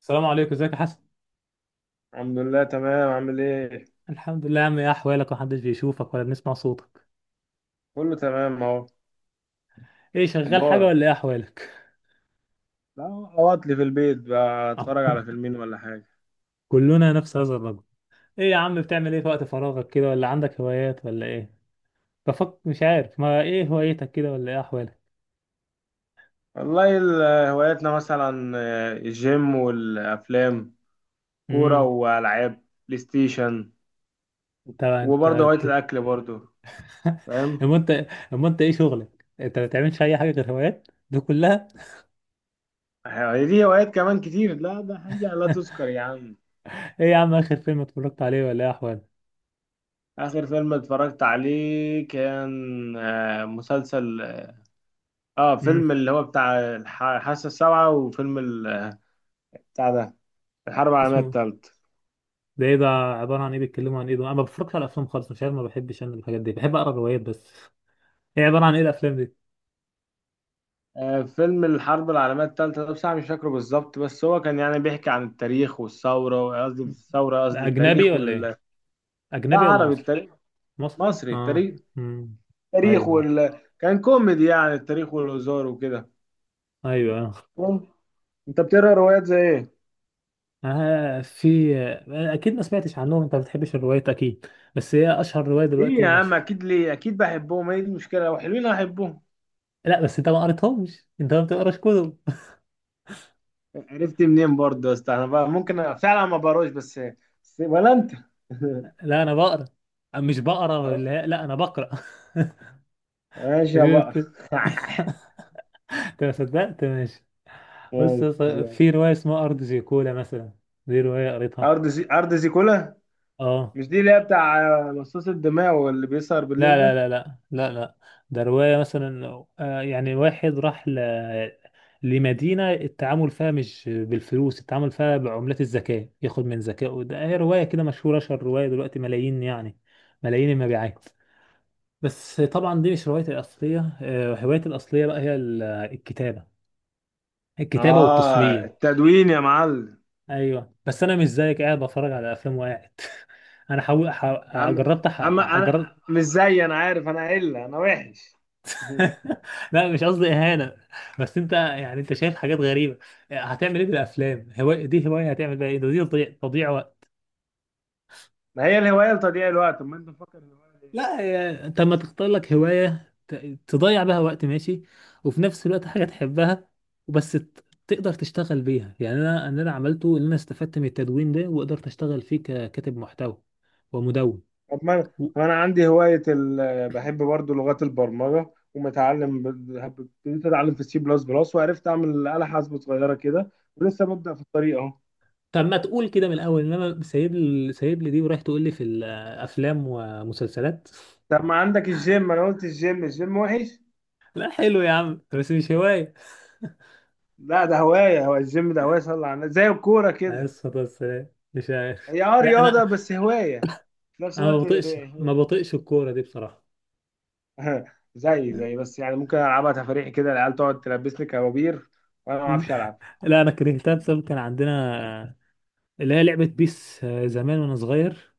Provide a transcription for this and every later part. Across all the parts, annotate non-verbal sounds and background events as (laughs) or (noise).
السلام عليكم، ازيك يا حسن؟ الحمد لله، تمام. عامل ايه؟ الحمد لله يا عم، ايه احوالك؟ محدش بيشوفك ولا بنسمع صوتك. كله تمام اهو. ايه، شغال حاجه مبارك. ولا ايه احوالك؟ لا. اقعد لي في البيت بقى، آه. اتفرج على (laughs) فيلمين ولا حاجه. كلنا نفس هذا الرجل. ايه يا عم، بتعمل ايه في وقت فراغك كده؟ ولا عندك هوايات ولا ايه؟ بفكر، مش عارف ما ايه هوايتك كده، ولا ايه احوالك؟ والله، هواياتنا مثلا الجيم والافلام، كوره امم. والعاب، بلاي ستيشن. انت انت وبرضه هوايه انت الاكل برضه. (laughs) فاهم. اما انت اما انت ايه شغلك؟ انت ما بتعملش اي حاجه غير هوايات دي كلها؟ هي دي هوايات كمان كتير، لا ده حاجه لا تذكر (laughs) يا عم. ايه يا عم، اخر فيلم اتفرجت عليه؟ ولا ايه احوالك؟ اخر فيلم اتفرجت عليه كان مسلسل. اه امم. فيلم اللي هو بتاع الحاسه السابعه، وفيلم بتاع ده، الحرب العالميه اسمه؟ الثالثه. ده ايه؟ ده عبارة عن ايه؟ بيتكلموا عن ايه؟ ده انا ما بفرجش على افلام خالص، مش عارف، ما بحبش انا الحاجات دي، بحب اقرا روايات بس. (laughs) ايه عبارة عن ايه الافلام دي؟ فيلم الحرب العالمية التالتة ده بصراحة مش فاكره بالظبط، بس هو كان يعني بيحكي عن التاريخ والثورة، قصدي مش الثورة، ده قصدي اجنبي التاريخ ولا ايه؟ وال. لا، اجنبي ولا عربي مصري؟ التاريخ. مصري، مصري اه. التاريخ. امم. التاريخ ايوه، وال كان كوميدي، يعني التاريخ والهزار وكده. ايوه. مم. انت بتقرا روايات زي ايه؟ اه، في، اكيد ما سمعتش عنهم، انت ما بتحبش الروايات اكيد، بس هي اشهر رواية ليه دلوقتي، يا عم؟ مشهورة. اكيد، ليه؟ اكيد بحبهم، هي دي المشكلة، لو حلوين احبهم. لا بس انت ما قريتهمش، انت ما بتقراش كتب. عرفت منين برضه يا اسطى؟ انا بقى ممكن فعلا ما بقراش، بس ولا انت؟ (laughs) (laughs) لا انا بقرا. مش بقرا اللي هي- لا انا بقرا. (laughs) ماشي يا بقى. شفت. (laughs) (laughs) انت ما صدقت ماشي. بص ماشي يا اسطى، يا عم. في رواية اسمها أرض زيكولا مثلا، دي رواية قريتها. ارض زيكولا. اه. مش دي اللي هي بتاع مصاص الدماء، واللي بيسهر لا بالليل لا ده؟ لا لا لا لا، ده رواية مثلا، يعني واحد راح ل... لمدينة التعامل فيها مش بالفلوس، التعامل فيها بعملات الذكاء، ياخد من ذكائه. ده هي رواية كده مشهورة، أشهر رواية دلوقتي، ملايين يعني، ملايين المبيعات. بس طبعا دي مش روايتي الأصلية، هوايتي الأصلية بقى هي الكتابة، الكتابة اه، والتصميم. التدوين يا معلم. ايوه بس انا مش زيك قاعد بتفرج على افلام وقاعد. (laughs) انا حاول يا ح- عم، يا جربت عم، ح- ح- انا جربت. مش زي، انا عارف، انا قله، انا وحش. (laughs) لا مش قصدي اهانه، بس انت يعني انت شايف حاجات غريبه. هتعمل ايه بالافلام؟ هوايه دي؟ هوايه هتعمل بيها ايه؟ ده دي تضييع، تضييع وقت. (laughs) ما هي الهوايه لتضييع الوقت، طب ما انت مفكر الهوايه دي إيه؟ لا يا- انت لما تختار لك هوايه تضيع بها وقت ماشي، وفي نفس الوقت حاجه تحبها، وبس تقدر تشتغل بيها. يعني انا اللي انا عملته ان انا استفدت من التدوين ده وقدرت اشتغل فيه ككاتب محتوى ومدون. طب ما أنا عندي هوايه، بحب برضو لغات البرمجه، ومتعلم ابتديت اتعلم في C++، وعرفت اعمل آلة حاسبة صغيره كده. ولسه ببدأ في الطريق اهو. طب ما تقول كده من الاول، انما سايب لي سايب لي دي ورايح تقول لي في الافلام ومسلسلات. طب ما عندك الجيم، انا قلت الجيم. الجيم وحش؟ (laughs) لا حلو يا عم بس مش هوايه. لا ده هوايه، هو الجيم ده هوايه، صلى على النبي، زي الكوره عليه كده. الصلاه والسلام، مش عارف. هي (laughs) لا رياضة، انا، بس هواية في نفس انا ما الوقت، هي بطيقش، ما هواية. بطيقش الكوره دي بصراحه. (laughs) زي بس، يعني ممكن العبها تفريح كده، العيال تقعد تلبسني كبابير، وانا ما (laughs) مم. اعرفش العب. لا انا كرهتها، بسبب كان عندنا اللي هي لعبه بيس، زمان وانا صغير،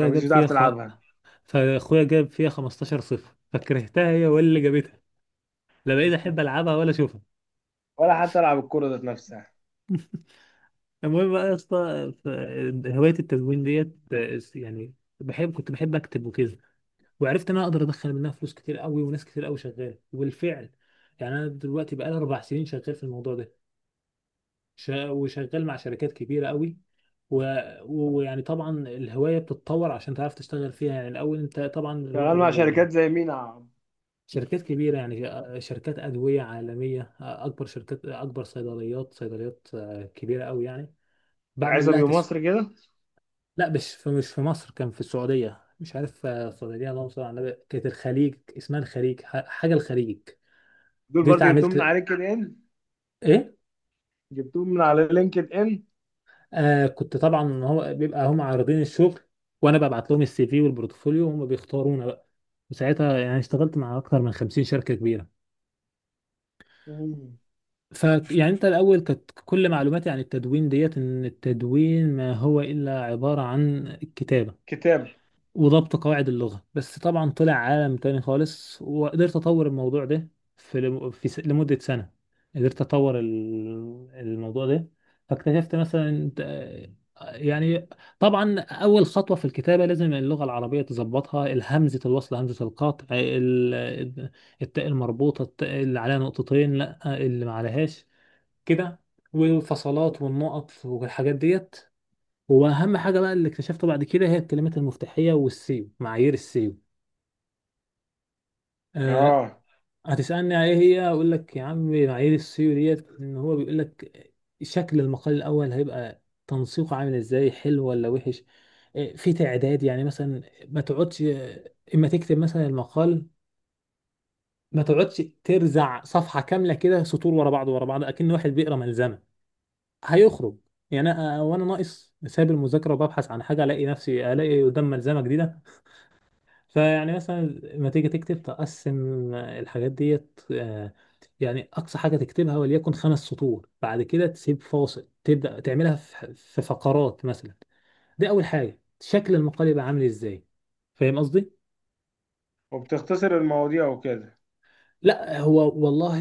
انا مش جاب بتعرف فيها خ... تلعبها. فاخويا جاب فيها 15 صفر، فكرهتها هي ولا اللي جابتها، لا بقيت (laughs) احب العبها ولا اشوفها. ولا حتى العب الكورة ذات نفسها. المهم بقى يا اسطى، هوايه التدوين ديت، يعني بحب، كنت بحب اكتب وكده، وعرفت ان انا اقدر ادخل منها فلوس كتير قوي، وناس كتير قوي شغاله، وبالفعل يعني انا دلوقتي بقى لي 4 سنين شغال في الموضوع ده، وشغال مع شركات كبيره قوي، و- ويعني طبعا الهوايه بتتطور عشان تعرف تشتغل فيها. يعني الاول انت طبعا شغال مع شركات زي مينا، شركات كبيره يعني، شركات ادويه عالميه، اكبر شركات، اكبر صيدليات، صيدليات كبيره قوي يعني، بعمل لها العزبي تسويق. ومصر كده؟ لا مش في مصر، كان في السعودية، مش عارف، السعودية اللهم صل على النبي، كانت الخليج، اسمها الخليج حاجة الخليج. دول دي برضو جبتهم من اتعاملت. على لينكد ان. ايه؟ جبتهم من على لينكد ان كنت طبعا، هو بيبقى هم عارضين الشغل وانا ببعت لهم السي في والبورتفوليو، وهم بيختارونا بقى، وساعتها يعني اشتغلت مع اكتر من 50 شركة كبيرة. مم. فيعني انت الاول كانت كل معلوماتي عن التدوين ديت ان التدوين ما هو الا عبارة عن كتابة كتاب. وضبط قواعد اللغة، بس طبعا طلع عالم تاني خالص، وقدرت أطور الموضوع ده في، في لمدة سنة قدرت أطور الموضوع ده. فاكتشفت مثلا يعني طبعا أول خطوة في الكتابة لازم اللغة العربية تظبطها، الهمزة الوصل، همزة القطع، التاء المربوطة، التاء اللي عليها نقطتين لا اللي ما عليهاش كده، والفصلات والنقط والحاجات ديت. هو اهم حاجه بقى اللي اكتشفته بعد كده هي الكلمات المفتاحيه والسيو، معايير السيو. أه. اه، هتسالني على ايه هي؟ اقول لك يا عم، معايير السيو ديت ان هو بيقول لك شكل المقال الاول هيبقى تنسيقه عامل ازاي، حلو ولا وحش. في تعداد يعني، مثلا ما تقعدش، اما تكتب مثلا المقال ما تقعدش ترزع صفحه كامله كده، سطور ورا بعض ورا بعض، اكن واحد بيقرا ملزمه، هيخرج. يعني وانا ناقص سايب المذاكره وببحث عن حاجه الاقي نفسي الاقي قدام ملزمه جديده. فيعني مثلا لما تيجي تكتب تقسم الحاجات ديت، يعني أقصى حاجة تكتبها وليكن خمس سطور، بعد كده تسيب فاصل، تبدأ تعملها في فقرات مثلا. دي أول حاجة، شكل المقال يبقى عامل إزاي. فاهم قصدي؟ وبتختصر المواضيع وكده. لا هو والله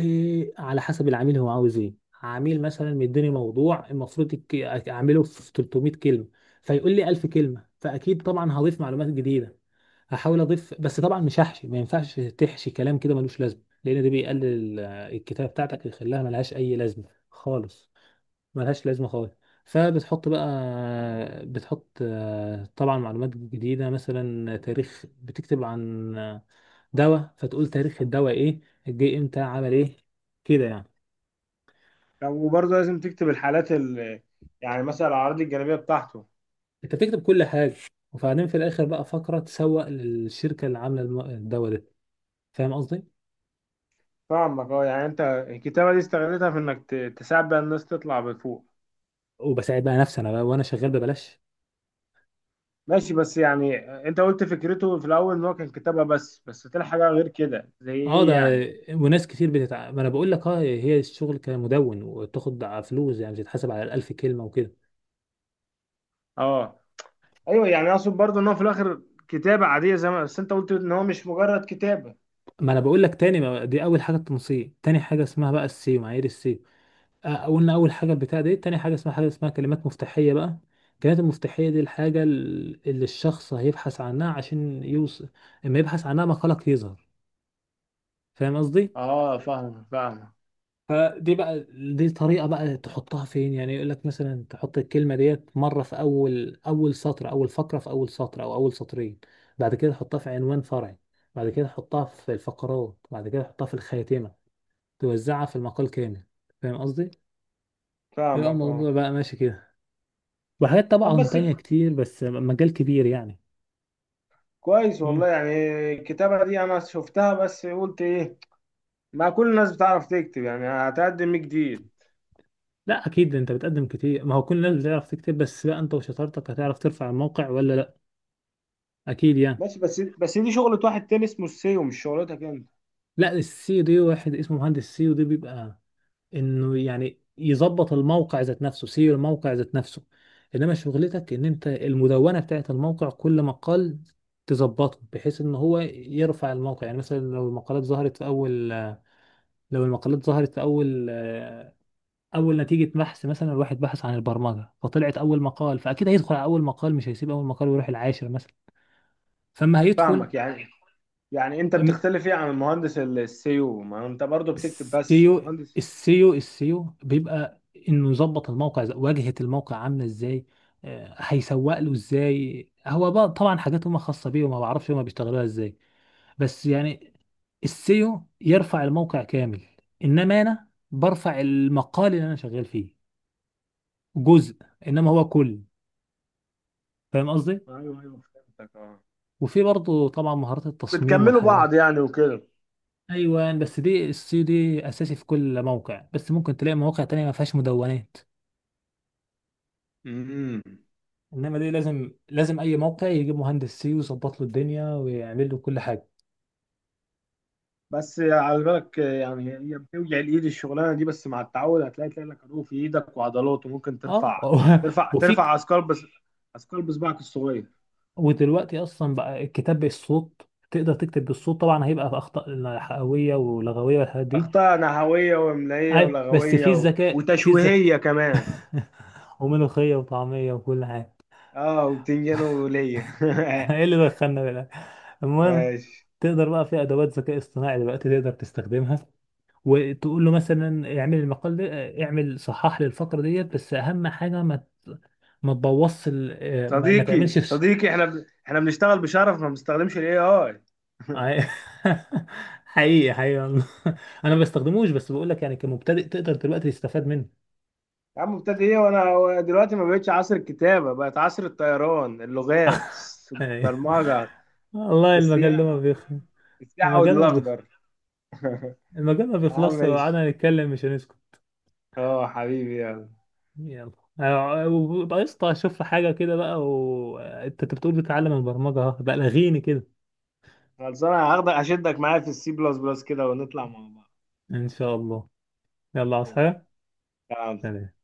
على حسب العميل هو عاوز إيه. عميل مثلا مديني موضوع المفروض أعمله في 300 كلمة، فيقول لي 1000 كلمة، فأكيد طبعا هضيف معلومات جديدة، هحاول اضيف، بس طبعا مش هحشي، ما ينفعش تحشي كلام كده ملوش لازمه، لان ده بيقلل الكتابه بتاعتك ويخليها ملهاش اي لازمه خالص، ملهاش لازمه خالص. فبتحط بقى، بتحط طبعا معلومات جديده، مثلا تاريخ، بتكتب عن دواء فتقول تاريخ الدواء ايه، جه امتى، عمل ايه، كده يعني. طب وبرضه لازم تكتب الحالات ال، يعني مثلا الاعراض الجانبية بتاعته. انت بتكتب كل حاجه، وبعدين في الاخر بقى فقره تسوق للشركه اللي عامله الدواء ده. فاهم قصدي؟ فاهمك، اه، يعني انت الكتابة دي استغلتها في انك تساعد بقى الناس تطلع بفوق. وبساعد بقى نفسي انا بقى وانا شغال ببلاش. ماشي بس، يعني انت قلت فكرته في الاول ان هو كان كتابة بس طلع حاجة غير كده، زي اه ده، ايه يعني؟ ما انا بقول لك، اه هي الشغل كمدون، وتاخد فلوس، يعني بتتحسب على الألف كلمة وكده. اه. ايوه، يعني اقصد برضه ان هو في الاخر كتابة عادية، زي ما بس انت قلت ان هو مش مجرد كتابة. ما انا بقول لك تاني، ما دي اول حاجة التنسيق، تاني حاجة اسمها بقى السيو، معايير السيو. قلنا اول حاجة البتاع دي، تاني حاجة اسمها كلمات مفتاحية بقى. الكلمات المفتاحية دي الحاجة اللي الشخص هيبحث عنها عشان يوصل، اما يبحث عنها مقالك يظهر. فاهم قصدي؟ اه، فاهم، فاهم. فدي بقى، دي طريقة بقى تحطها فين. يعني يقول لك مثلا تحط الكلمة ديت مرة في أول، أول سطر، أول فقرة، في أول سطر أو أول سطرين، بعد كده تحطها في عنوان فرعي، بعد كده تحطها في الفقرات، بعد كده تحطها في الخاتمة، توزعها في المقال كامل. فاهم قصدي؟ يبقى فاهمك، الموضوع اه. بقى ماشي كده، وحاجات طب طبعا بس، تانية كتير، بس مجال كبير يعني. كويس مم. والله يعني. الكتابة دي انا شفتها، بس قلت ايه؟ ما كل الناس بتعرف تكتب، يعني هتقدم ايه جديد؟ لا أكيد أنت بتقدم كتير. ما هو كل الناس بتعرف تكتب، بس بقى أنت وشطارتك هتعرف ترفع الموقع ولا لا. أكيد يعني. ماشي بس دي شغلة واحد تاني اسمه السيو، مش شغلتك انت. لا السي دي واحد اسمه مهندس سي ودي، بيبقى انه يعني يظبط الموقع ذات نفسه، سيو الموقع ذات نفسه، انما شغلتك ان انت المدونه بتاعت الموقع، كل مقال تظبطه بحيث ان هو يرفع الموقع. يعني مثلا لو المقالات ظهرت في اول اول نتيجه بحث، مثلا الواحد بحث عن البرمجه فطلعت اول مقال، فاكيد هيدخل على اول مقال، مش هيسيب اول مقال ويروح العاشر مثلا، فما هيدخل. فاهمك يعني انت بتختلف ايه عن المهندس السيو، ما انت برضو بتكتب بس السيو مهندس؟ السيو بيبقى انه يظبط الموقع إزاي، واجهة الموقع عاملة ازاي، هيسوق له ازاي، هو بقى طبعا حاجات هما خاصة بيه وما بعرفش هما بيشتغلوها ازاي. بس يعني السيو يرفع الموقع كامل، انما انا برفع المقال اللي انا شغال فيه، جزء، انما هو كل. فاهم قصدي؟ ايوه، ايوه، فهمتك، اه. وفي برضه طبعا مهارات التصميم بتكملوا والحياة. بعض يعني وكده. ايوه بس دي السيو، دي اساسي في كل موقع، بس ممكن تلاقي مواقع تانية ما فيهاش مدونات، امم. انما دي لازم لازم اي موقع يجيب مهندس سي ويظبط له الدنيا ويعمل له كل حاجه. بس على بالك يعني هي بتوجع الايد الشغلانه دي، بس مع التعود هتلاقي لك عروق في ايدك وعضلات، وممكن ترفع اه. (laughs) ترفع وفي ك- ترفع اثقال، بس اثقال بصبعك الصغير. ودلوقتي اصلا بقى الكتاب بالصوت، تقدر تكتب بالصوت، طبعا هيبقى في اخطاء حقويه ولغويه والحاجات دي. اخطاء نحويه واملائيه اي بس في ولغويه، الذكاء، في الذكاء. وتشويهيه كمان. (laughs) وملوخيه وطعميه وكل حاجه. اه، وبتنجان (laughs) وليه. احنا ايه (laughs) اللي دخلنا بقى؟ المهم، ماشي. تقدر بقى في ادوات ذكاء اصطناعي دلوقتي تقدر تستخدمها، وتقول له مثلا اعمل المقال ده، اعمل، صحح لي الفقره ديت، بس اهم حاجه ما تبوظش ال... آه، ما... ما صديقي، تعملش فش. صديقي، احنا بنشتغل بشرف، ما بنستخدمش AI. عي- (laughs) حقيقي حقيقي والله. (laughs) انا ما بستخدموش، بس بقول لك يعني كمبتدئ تقدر دلوقتي تستفاد منه، يا عم، ابتدى ايه؟ وانا دلوقتي ما بقتش عصر الكتابه، بقت عصر الطيران، اللغات، يعني. البرمجه، (laughs) والله المجال ده ما السياحه، بيخلص، فاهم؟ السياحه المجال ما بيخلص، والاخضر. المجال ما يا عم، بيخلصش. لو ماشي. قعدنا نتكلم مش هنسكت. اه، حبيبي، يلا. يلا. وبقى قشطة، اشوف حاجة كده بقى وانت بتقول بتتعلم البرمجة أهو. بقى لغيني كده. خلصانه، هاخدك اشدك معايا في C++ كده، ونطلع مع بعض. ان شاء الله. يلا عاوز ماشي. حاجة. تمام سلام.